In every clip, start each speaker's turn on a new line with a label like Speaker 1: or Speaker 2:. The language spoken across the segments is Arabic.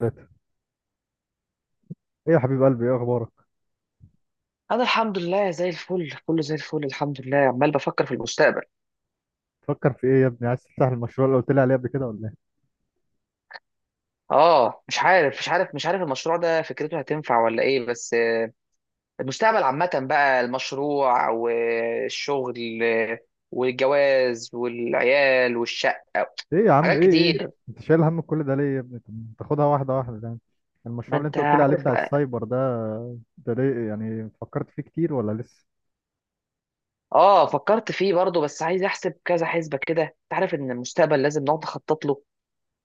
Speaker 1: ثلاثة. ايه يا حبيب قلبي، ايه اخبارك؟
Speaker 2: انا الحمد لله زي الفل كله زي الفل الحمد لله عمال بفكر في المستقبل.
Speaker 1: تفكر في ايه يا ابني؟ عايز تفتح المشروع اللي قلت لي عليه قبل كده ولا ايه؟
Speaker 2: اه مش عارف مش عارف مش عارف، المشروع ده فكرته هتنفع ولا ايه؟ بس المستقبل عامة بقى، المشروع والشغل والجواز والعيال والشقة.
Speaker 1: ايه يا عم،
Speaker 2: حاجات
Speaker 1: ايه؟
Speaker 2: كتير.
Speaker 1: انت شايل هم كل ده ليه يا ابني؟ طب تاخدها واحدة واحدة يعني.
Speaker 2: ما
Speaker 1: المشروع اللي انت
Speaker 2: انت
Speaker 1: قلت لي عليه
Speaker 2: عارف
Speaker 1: بتاع
Speaker 2: بقى.
Speaker 1: السايبر ده، ده ليه يعني، فكرت فيه كتير ولا لسه؟
Speaker 2: اه فكرت فيه برضه، بس عايز احسب كذا حسبة كده. انت عارف ان المستقبل لازم نقعد نخطط له،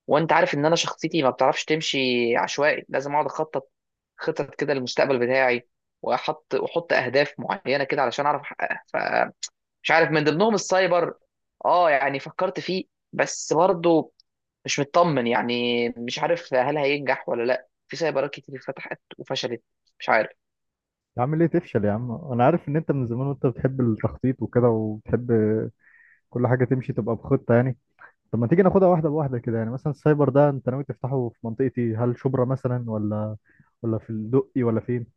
Speaker 2: وانت عارف ان انا شخصيتي ما بتعرفش تمشي عشوائي، لازم اقعد اخطط، خطط كده للمستقبل بتاعي، واحط واحط اهداف معينه كده علشان اعرف احققها. فمش عارف من ضمنهم السايبر. اه يعني فكرت فيه، بس برضه مش مطمن، يعني مش عارف هل هينجح ولا لا، في سايبرات كتير فتحت وفشلت. مش عارف.
Speaker 1: يا عم ليه تفشل يا عم، انا عارف ان انت من زمان وانت بتحب التخطيط وكده، وبتحب كل حاجة تمشي تبقى بخطة يعني. طب ما تيجي ناخدها واحدة بواحدة كده يعني، مثلا السايبر ده انت ناوي تفتحه في منطقتي، هل شبرا مثلا ولا في الدقي ولا فين؟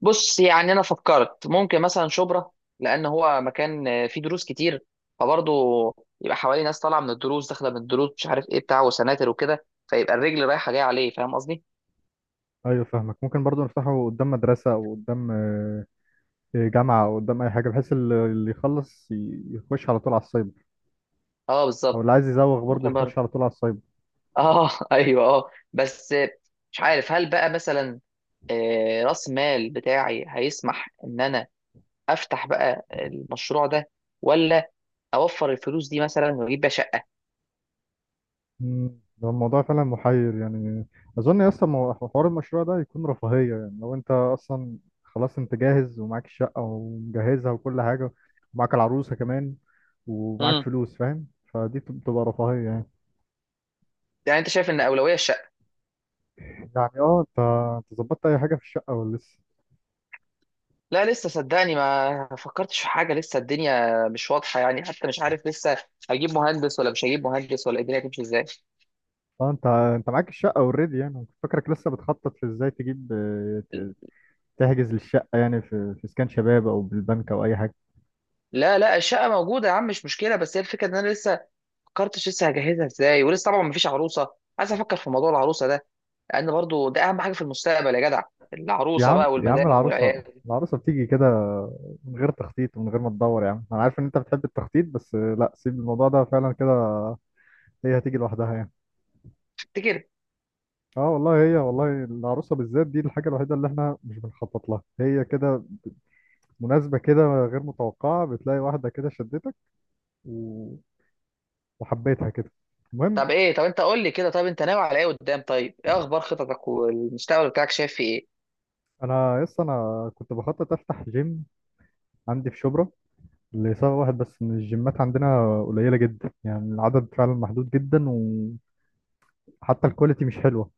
Speaker 2: بص، يعني انا فكرت ممكن مثلا شبرا، لان هو مكان فيه دروس كتير، فبرضه يبقى حواليه ناس طالعه من الدروس داخله من الدروس، مش عارف ايه، بتاع وسناتر وكده، فيبقى الرجل رايحه جايه عليه. فاهم قصدي؟
Speaker 1: ايوه فاهمك، ممكن برضو نفتحه قدام مدرسة او قدام جامعة او قدام اي حاجة، بحيث اللي يخلص يخش على طول على السايبر،
Speaker 2: اه
Speaker 1: او اللي
Speaker 2: بالظبط.
Speaker 1: عايز يزوغ برضو
Speaker 2: ممكن
Speaker 1: يخش
Speaker 2: برضه.
Speaker 1: على طول على السايبر.
Speaker 2: اه ايوه اه، بس مش عارف هل بقى مثلا راس مال بتاعي هيسمح ان انا افتح بقى المشروع ده، ولا اوفر الفلوس دي مثلا واجيب بقى شقه.
Speaker 1: ده الموضوع فعلا محير يعني. اظن يا اسطى حوار المشروع ده يكون رفاهية، يعني لو انت اصلا خلاص انت جاهز ومعاك الشقة ومجهزها وكل حاجة، ومعاك العروسة كمان، ومعاك
Speaker 2: امم
Speaker 1: فلوس، فاهم؟ فدي بتبقى رفاهية يعني.
Speaker 2: يعني انت شايف ان اولويه.
Speaker 1: يعني اه، انت ظبطت اي حاجة في الشقة ولا لسه؟
Speaker 2: لا لسه، صدقني ما فكرتش في حاجة لسه. الدنيا مش واضحة يعني، حتى مش عارف لسه هجيب مهندس ولا مش هجيب مهندس ولا الدنيا هتمشي ازاي.
Speaker 1: اه انت، انت معاك الشقة اوريدي يعني، كنت فاكرك لسه بتخطط في ازاي تجيب تحجز للشقة يعني، في اسكان شباب او بالبنك او اي حاجة.
Speaker 2: لا لا الشقة موجودة يا عم، مش مشكلة، بس هي الفكرة ان انا لسه ما فكرتش لسه هجهزها ازاي، ولسه طبعا ما فيش عروسة. عايز افكر في موضوع العروسة ده، لان برضو ده اهم حاجة في المستقبل يا جدع.
Speaker 1: يا
Speaker 2: العروسة
Speaker 1: عم
Speaker 2: بقى
Speaker 1: يا عم
Speaker 2: والمدام
Speaker 1: العروسة،
Speaker 2: والعيال.
Speaker 1: العروسة بتيجي كده من غير تخطيط ومن غير ما تدور يا عم. انا عارف ان انت بتحب التخطيط بس لا، سيب الموضوع ده فعلا كده، هي هتيجي لوحدها يعني.
Speaker 2: تفتكر؟
Speaker 1: اه والله، هي والله العروسة بالذات دي الحاجة الوحيدة اللي احنا مش بنخطط لها، هي كده مناسبة، كده غير متوقعة، بتلاقي واحدة كده شدتك و... وحبيتها كده. المهم،
Speaker 2: طب انت قول لي كده، طب انت ناوي على ايه قدام؟ طيب ايه اخبار خططك والمستقبل بتاعك، شايف فيه ايه؟
Speaker 1: انا يس، انا كنت بخطط افتح جيم عندي في شبرا، لسبب واحد بس، ان الجيمات عندنا قليله جدا، يعني العدد فعلا محدود جدا، وحتى الكواليتي مش حلوه.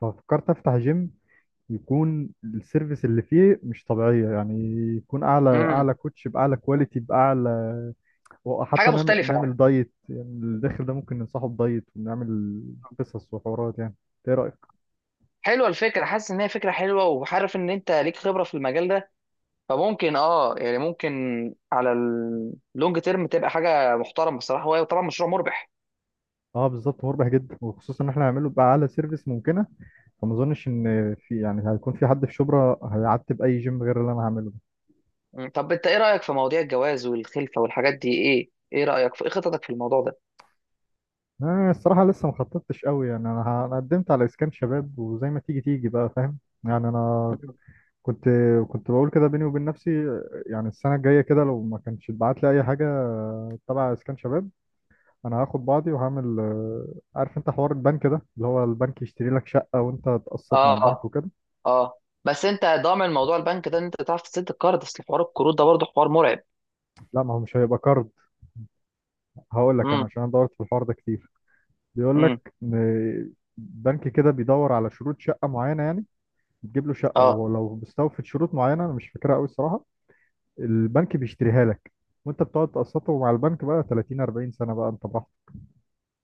Speaker 1: ففكرت افتح جيم يكون السيرفيس اللي فيه مش طبيعيه يعني، يكون اعلى
Speaker 2: امم.
Speaker 1: اعلى كوتش باعلى كواليتي باعلى.
Speaker 2: حاجة
Speaker 1: وحتى نعمل
Speaker 2: مختلفة يعني.
Speaker 1: نعمل دايت يعني، الداخل ده ممكن ننصحه بدايت ونعمل قصص وحوارات يعني. ايه رايك؟
Speaker 2: حلوه الفكره، حاسس ان هي فكره حلوه، وعارف ان انت ليك خبره في المجال ده، فممكن اه يعني ممكن على اللونج تيرم تبقى حاجه محترمه بصراحه. هو طبعا مشروع مربح.
Speaker 1: اه بالظبط، مربح جدا، وخصوصا ان احنا هنعمله باعلى سيرفيس ممكنه. فما اظنش ان في، يعني هيكون في حد في شبرا هيعتب اي جيم غير اللي انا هعمله ده.
Speaker 2: مم. طب انت ايه رايك في مواضيع الجواز والخلفه والحاجات دي؟ ايه رايك في ايه خططك في الموضوع ده؟
Speaker 1: انا الصراحه لسه ما خططتش قوي يعني، انا أنا قدمت على اسكان شباب، وزي ما تيجي تيجي بقى، فاهم؟ يعني انا
Speaker 2: مم.
Speaker 1: كنت كنت بقول كده بيني وبين نفسي، يعني السنه الجايه كده لو ما كانش اتبعت لي اي حاجه تبع اسكان شباب، انا هاخد بعضي وهعمل عارف انت حوار البنك ده، اللي هو البنك يشتري لك شقه وانت تقسط مع البنك
Speaker 2: اه.
Speaker 1: وكده.
Speaker 2: اه، بس انت ضامن موضوع البنك ده ان انت تعرف تسد الكارد؟ اصل حوار الكروت ده برضه حوار مرعب.
Speaker 1: لا، ما هو مش هيبقى كارد. هقول لك انا،
Speaker 2: امم.
Speaker 1: عشان أنا دورت في الحوار ده كتير، بيقول
Speaker 2: امم.
Speaker 1: لك ان بنك كده بيدور على شروط شقه معينه يعني، بتجيب له شقه،
Speaker 2: اه.
Speaker 1: ولو مستوفت شروط معينه، انا مش فاكرها قوي الصراحه، البنك بيشتريها لك، وانت بتقعد تقسطه مع البنك بقى 30 40 سنه، بقى انت براحتك.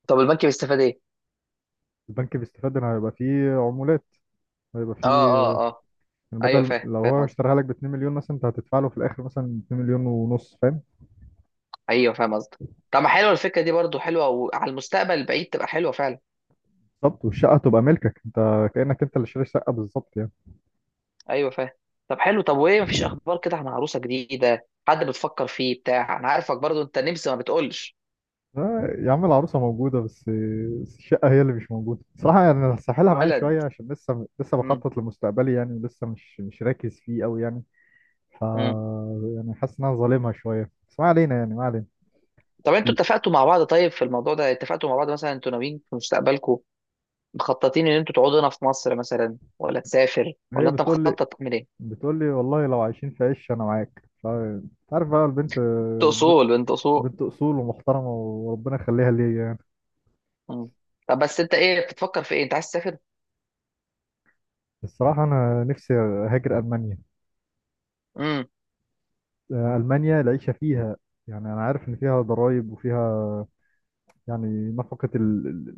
Speaker 2: طب البنك بيستفاد ايه؟
Speaker 1: البنك بيستفاد ان هيبقى فيه عمولات، هيبقى
Speaker 2: اه.
Speaker 1: فيه،
Speaker 2: اه. اه.
Speaker 1: يعني
Speaker 2: ايوه
Speaker 1: بدل
Speaker 2: فاهم
Speaker 1: لو هو
Speaker 2: فاهم.
Speaker 1: اشتراها لك ب 2 مليون مثلا، انت هتدفع له في الاخر مثلا 2 مليون ونص، فاهم؟
Speaker 2: ايوه فاهم قصدك. طب ما حلوه الفكره دي برضو، حلوه وعلى المستقبل البعيد تبقى حلوه فعلا.
Speaker 1: بالظبط، والشقه تبقى ملكك، انت كانك انت اللي شاري شقه بالظبط يعني.
Speaker 2: ايوه فاهم. طب حلو. طب وايه، مفيش اخبار كده عن عروسه جديده، حد بتفكر فيه بتاع؟ انا عارفك برضو، انت نمسي ما بتقولش.
Speaker 1: يا عم، العروسة موجودة، بس بس الشقة هي اللي مش موجودة صراحة يعني. أنا هسحلها معايا
Speaker 2: ولد.
Speaker 1: شوية، عشان لسه، لسه
Speaker 2: امم.
Speaker 1: بخطط لمستقبلي يعني، لسه مش راكز فيه أوي يعني. ف،
Speaker 2: امم.
Speaker 1: يعني حاسس إن أنا ظالمها شوية، بس ما علينا يعني، ما علينا.
Speaker 2: طب انتوا
Speaker 1: ال-
Speaker 2: اتفقتوا مع بعض؟ طيب في الموضوع ده اتفقتوا مع بعض مثلا؟ انتوا ناويين في مستقبلكم مخططين ان انتوا تقعدوا هنا في مصر مثلا، ولا تسافر،
Speaker 1: هي
Speaker 2: ولا انت
Speaker 1: بتقول لي،
Speaker 2: مخطط تعمل ايه؟
Speaker 1: بتقول لي والله لو عايشين في عش أنا معاك، ف أنت عارف بقى، البنت،
Speaker 2: انت
Speaker 1: البنت
Speaker 2: اصول، انت اصول.
Speaker 1: بنت أصول ومحترمة، وربنا يخليها ليا يعني.
Speaker 2: امم. طب بس انت ايه بتفكر في ايه، انت عايز تسافر؟
Speaker 1: الصراحة أنا نفسي أهاجر ألمانيا.
Speaker 2: امم
Speaker 1: ألمانيا العيشة فيها يعني، أنا عارف إن فيها ضرايب وفيها يعني نفقة. ال-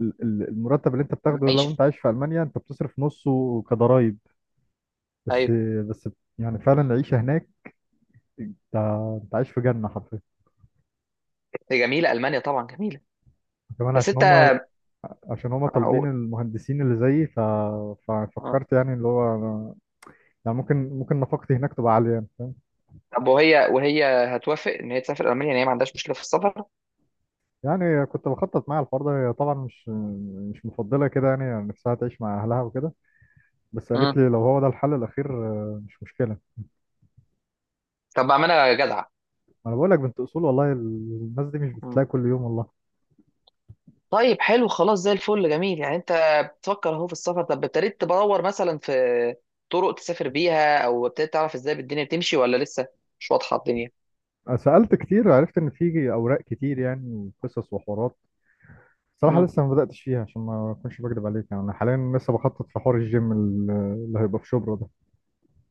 Speaker 1: ال- المرتب اللي انت بتاخده لو انت
Speaker 2: عيش.
Speaker 1: عايش في المانيا، انت بتصرف نصه كضرايب. بس،
Speaker 2: ايوه
Speaker 1: بس يعني فعلا العيشه هناك، انت، انت عايش في جنه حرفيا.
Speaker 2: دي جميله المانيا، طبعا جميله.
Speaker 1: كمان
Speaker 2: بس
Speaker 1: عشان
Speaker 2: انت.
Speaker 1: هما، عشان هما
Speaker 2: أو...
Speaker 1: طالبين المهندسين اللي زيي.
Speaker 2: آه.
Speaker 1: ففكرت يعني اللي هو يعني ممكن نفقتي هناك تبقى عاليه يعني، فاهم؟
Speaker 2: طب وهي هتوافق ان هي تسافر المانيا؟ ان هي ما عندهاش مشكله في السفر؟
Speaker 1: يعني كنت بخطط مع الحوار ده. هي طبعا مش مفضله كده يعني، يعني نفسها تعيش مع اهلها وكده، بس قالت
Speaker 2: مم.
Speaker 1: لي لو هو ده الحل الاخير مش مشكله.
Speaker 2: طب اعملها جدعه.
Speaker 1: انا بقول لك بنت اصول والله، الناس دي مش
Speaker 2: مم.
Speaker 1: بتلاقي كل يوم والله.
Speaker 2: طيب حلو، خلاص زي الفل جميل. يعني انت بتفكر اهو في السفر. طب ابتديت تدور مثلا في طرق تسافر بيها، او ابتديت تعرف ازاي الدنيا بتمشي ولا لسه مش واضحه الدنيا؟
Speaker 1: سألت كتير، وعرفت إن في أوراق كتير يعني، وقصص وحوارات. صراحة
Speaker 2: مم.
Speaker 1: لسه ما بدأتش فيها، عشان ما أكونش بكدب عليك يعني، أنا حاليا لسه بخطط في حوار الجيم اللي هيبقى في شبرا ده.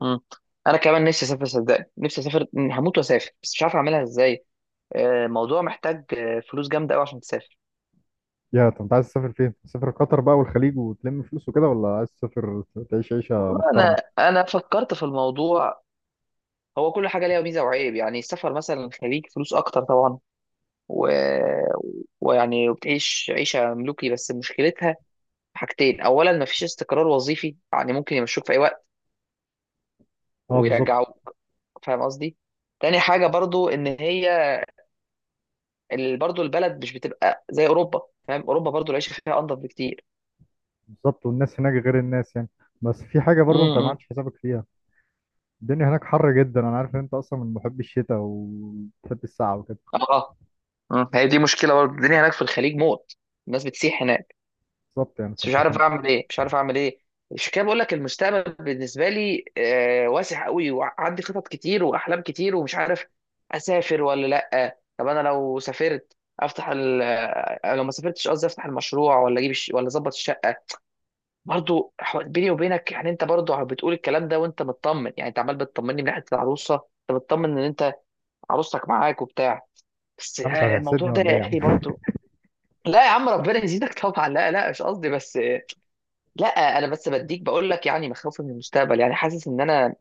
Speaker 2: مم. انا كمان نفسي اسافر، صدقني نفسي اسافر، هموت واسافر، بس مش عارف اعملها ازاي. الموضوع محتاج فلوس جامده قوي عشان تسافر.
Speaker 1: يا طب أنت عايز تسافر فين؟ تسافر قطر بقى والخليج وتلم فلوس وكده، ولا عايز تسافر تعيش عيشة
Speaker 2: والله
Speaker 1: محترمة؟
Speaker 2: انا فكرت في الموضوع. هو كل حاجة ليها ميزة وعيب. يعني السفر مثلا خليك فلوس أكتر طبعا، و... ويعني بتعيش عيشة ملوكي. بس مشكلتها حاجتين، أولا مفيش استقرار وظيفي، يعني ممكن يمشوك في أي وقت
Speaker 1: أه بالظبط.
Speaker 2: ويرجعوك. فاهم قصدي؟ تاني حاجة برضو إن هي برضو البلد مش بتبقى زي أوروبا. فاهم، أوروبا برضو العيشة فيها أنضف بكتير.
Speaker 1: بالظبط، والناس هناك غير الناس يعني، بس في حاجة برضو أنت ما
Speaker 2: امم.
Speaker 1: عملتش حسابك فيها. الدنيا هناك حر جدا، أنا عارف إن أنت أصلا من محبي الشتاء وبتحب السقعة وكده.
Speaker 2: اه. آه. مم. هي دي مشكلة برضو، الدنيا هناك في الخليج موت، الناس بتسيح هناك.
Speaker 1: بالظبط، يعني
Speaker 2: بس مش
Speaker 1: فأنت
Speaker 2: عارف
Speaker 1: كان.
Speaker 2: اعمل ايه، مش عارف اعمل ايه. مش كده، بقول لك المستقبل بالنسبه لي واسع قوي، وعندي خطط كتير واحلام كتير، ومش عارف اسافر ولا لا. طب انا لو سافرت افتح ال... آه، لو ما سافرتش قصدي افتح المشروع، ولا اجيب ولا اظبط الشقه. برضو بيني وبينك يعني انت برضو بتقول الكلام ده وانت مطمن. يعني انت عمال بتطمني من ناحيه العروسه، انت بتطمن ان انت عروستك معاك وبتاع. بس
Speaker 1: يا عم أنت
Speaker 2: الموضوع
Speaker 1: هتحسدني
Speaker 2: ده
Speaker 1: ولا إيه
Speaker 2: يا
Speaker 1: يا عم؟
Speaker 2: اخي برضو. لا يا عم ربنا يزيدك طبعا. لا لا مش قصدي بس. لا. انا بس بديك بقول لك يعني مخاوفي من المستقبل. يعني حاسس ان انا،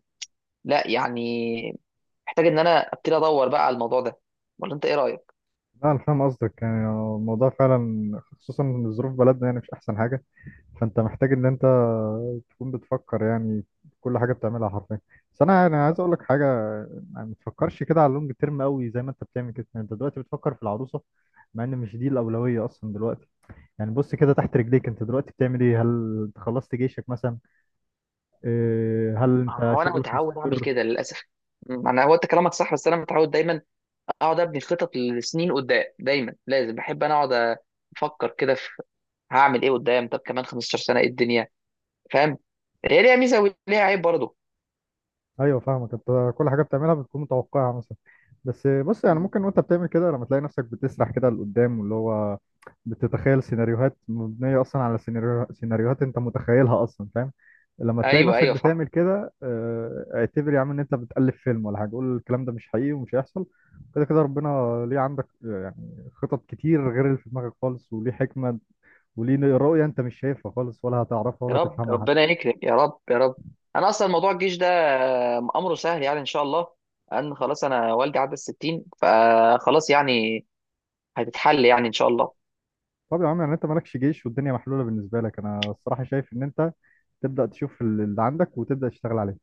Speaker 2: لا يعني، محتاج ان انا ابتدي ادور بقى على الموضوع ده. ولا انت ايه رايك؟
Speaker 1: لا انا فاهم قصدك يعني، الموضوع فعلا خصوصا ان ظروف بلدنا يعني مش احسن حاجه، فانت محتاج ان انت تكون بتفكر يعني في كل حاجه بتعملها حرفيا. بس انا يعني عايز اقول لك حاجه، يعني ما تفكرش كده على اللونج تيرم قوي زي ما انت بتعمل كده، يعني انت دلوقتي بتفكر في العروسه، مع ان مش دي الاولويه اصلا دلوقتي. يعني بص كده تحت رجليك، انت دلوقتي بتعمل ايه؟ هل انت خلصت جيشك مثلا؟ إيه، هل انت
Speaker 2: هو انا
Speaker 1: شغلك
Speaker 2: متعود اعمل
Speaker 1: مستقر؟
Speaker 2: كده للاسف. انا، هو انت كلامك صح، بس انا متعود دايما اقعد ابني خطط لسنين قدام، دايما لازم، بحب انا اقعد افكر كده في هعمل ايه قدام، طب كمان 15 سنه ايه الدنيا. فاهم، هي ليها ميزه وليها عيب برضه.
Speaker 1: ايوه فاهمك، انت كل حاجه بتعملها بتكون متوقعها مثلا. بس بص، يعني
Speaker 2: م،
Speaker 1: ممكن وانت بتعمل كده لما تلاقي نفسك بتسرح كده لقدام، واللي هو بتتخيل سيناريوهات مبنيه اصلا على سيناريوهات انت متخيلها اصلا، فاهم؟ لما تلاقي
Speaker 2: ايوه
Speaker 1: نفسك
Speaker 2: ايوه صح.
Speaker 1: بتعمل كده، اعتبر يا عم ان انت بتألف فيلم ولا حاجه، قول الكلام ده مش حقيقي ومش هيحصل. كده كده ربنا ليه عندك يعني خطط كتير غير اللي في دماغك خالص، وليه حكمه وليه رؤيه انت مش شايفها خالص ولا هتعرفها
Speaker 2: يا
Speaker 1: ولا
Speaker 2: رب
Speaker 1: تفهمها.
Speaker 2: ربنا يكرم، يا رب يا رب. انا اصلا موضوع الجيش ده امره سهل، يعني ان شاء الله ان خلاص، انا والدي عدى الستين فخلاص، يعني هتتحل يعني ان شاء الله.
Speaker 1: طب يا عم، يعني انت مالكش جيش والدنيا محلوله بالنسبه لك، انا الصراحه شايف ان انت تبدا تشوف اللي عندك وتبدا تشتغل عليه.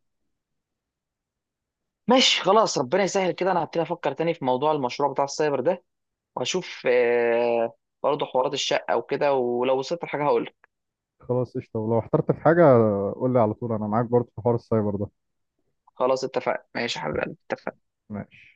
Speaker 2: ماشي خلاص، ربنا يسهل كده. انا هبتدي افكر تاني في موضوع المشروع بتاع السايبر ده، وهشوف برضه حوارات الشقة وكده، ولو وصلت لحاجة هقول.
Speaker 1: خلاص قشطه، ولو احترت في حاجه قول لي على طول، انا معاك برضه في حوار السايبر ده.
Speaker 2: خلاص اتفقنا، ماشي يا حبيبي اتفقنا.
Speaker 1: ماشي.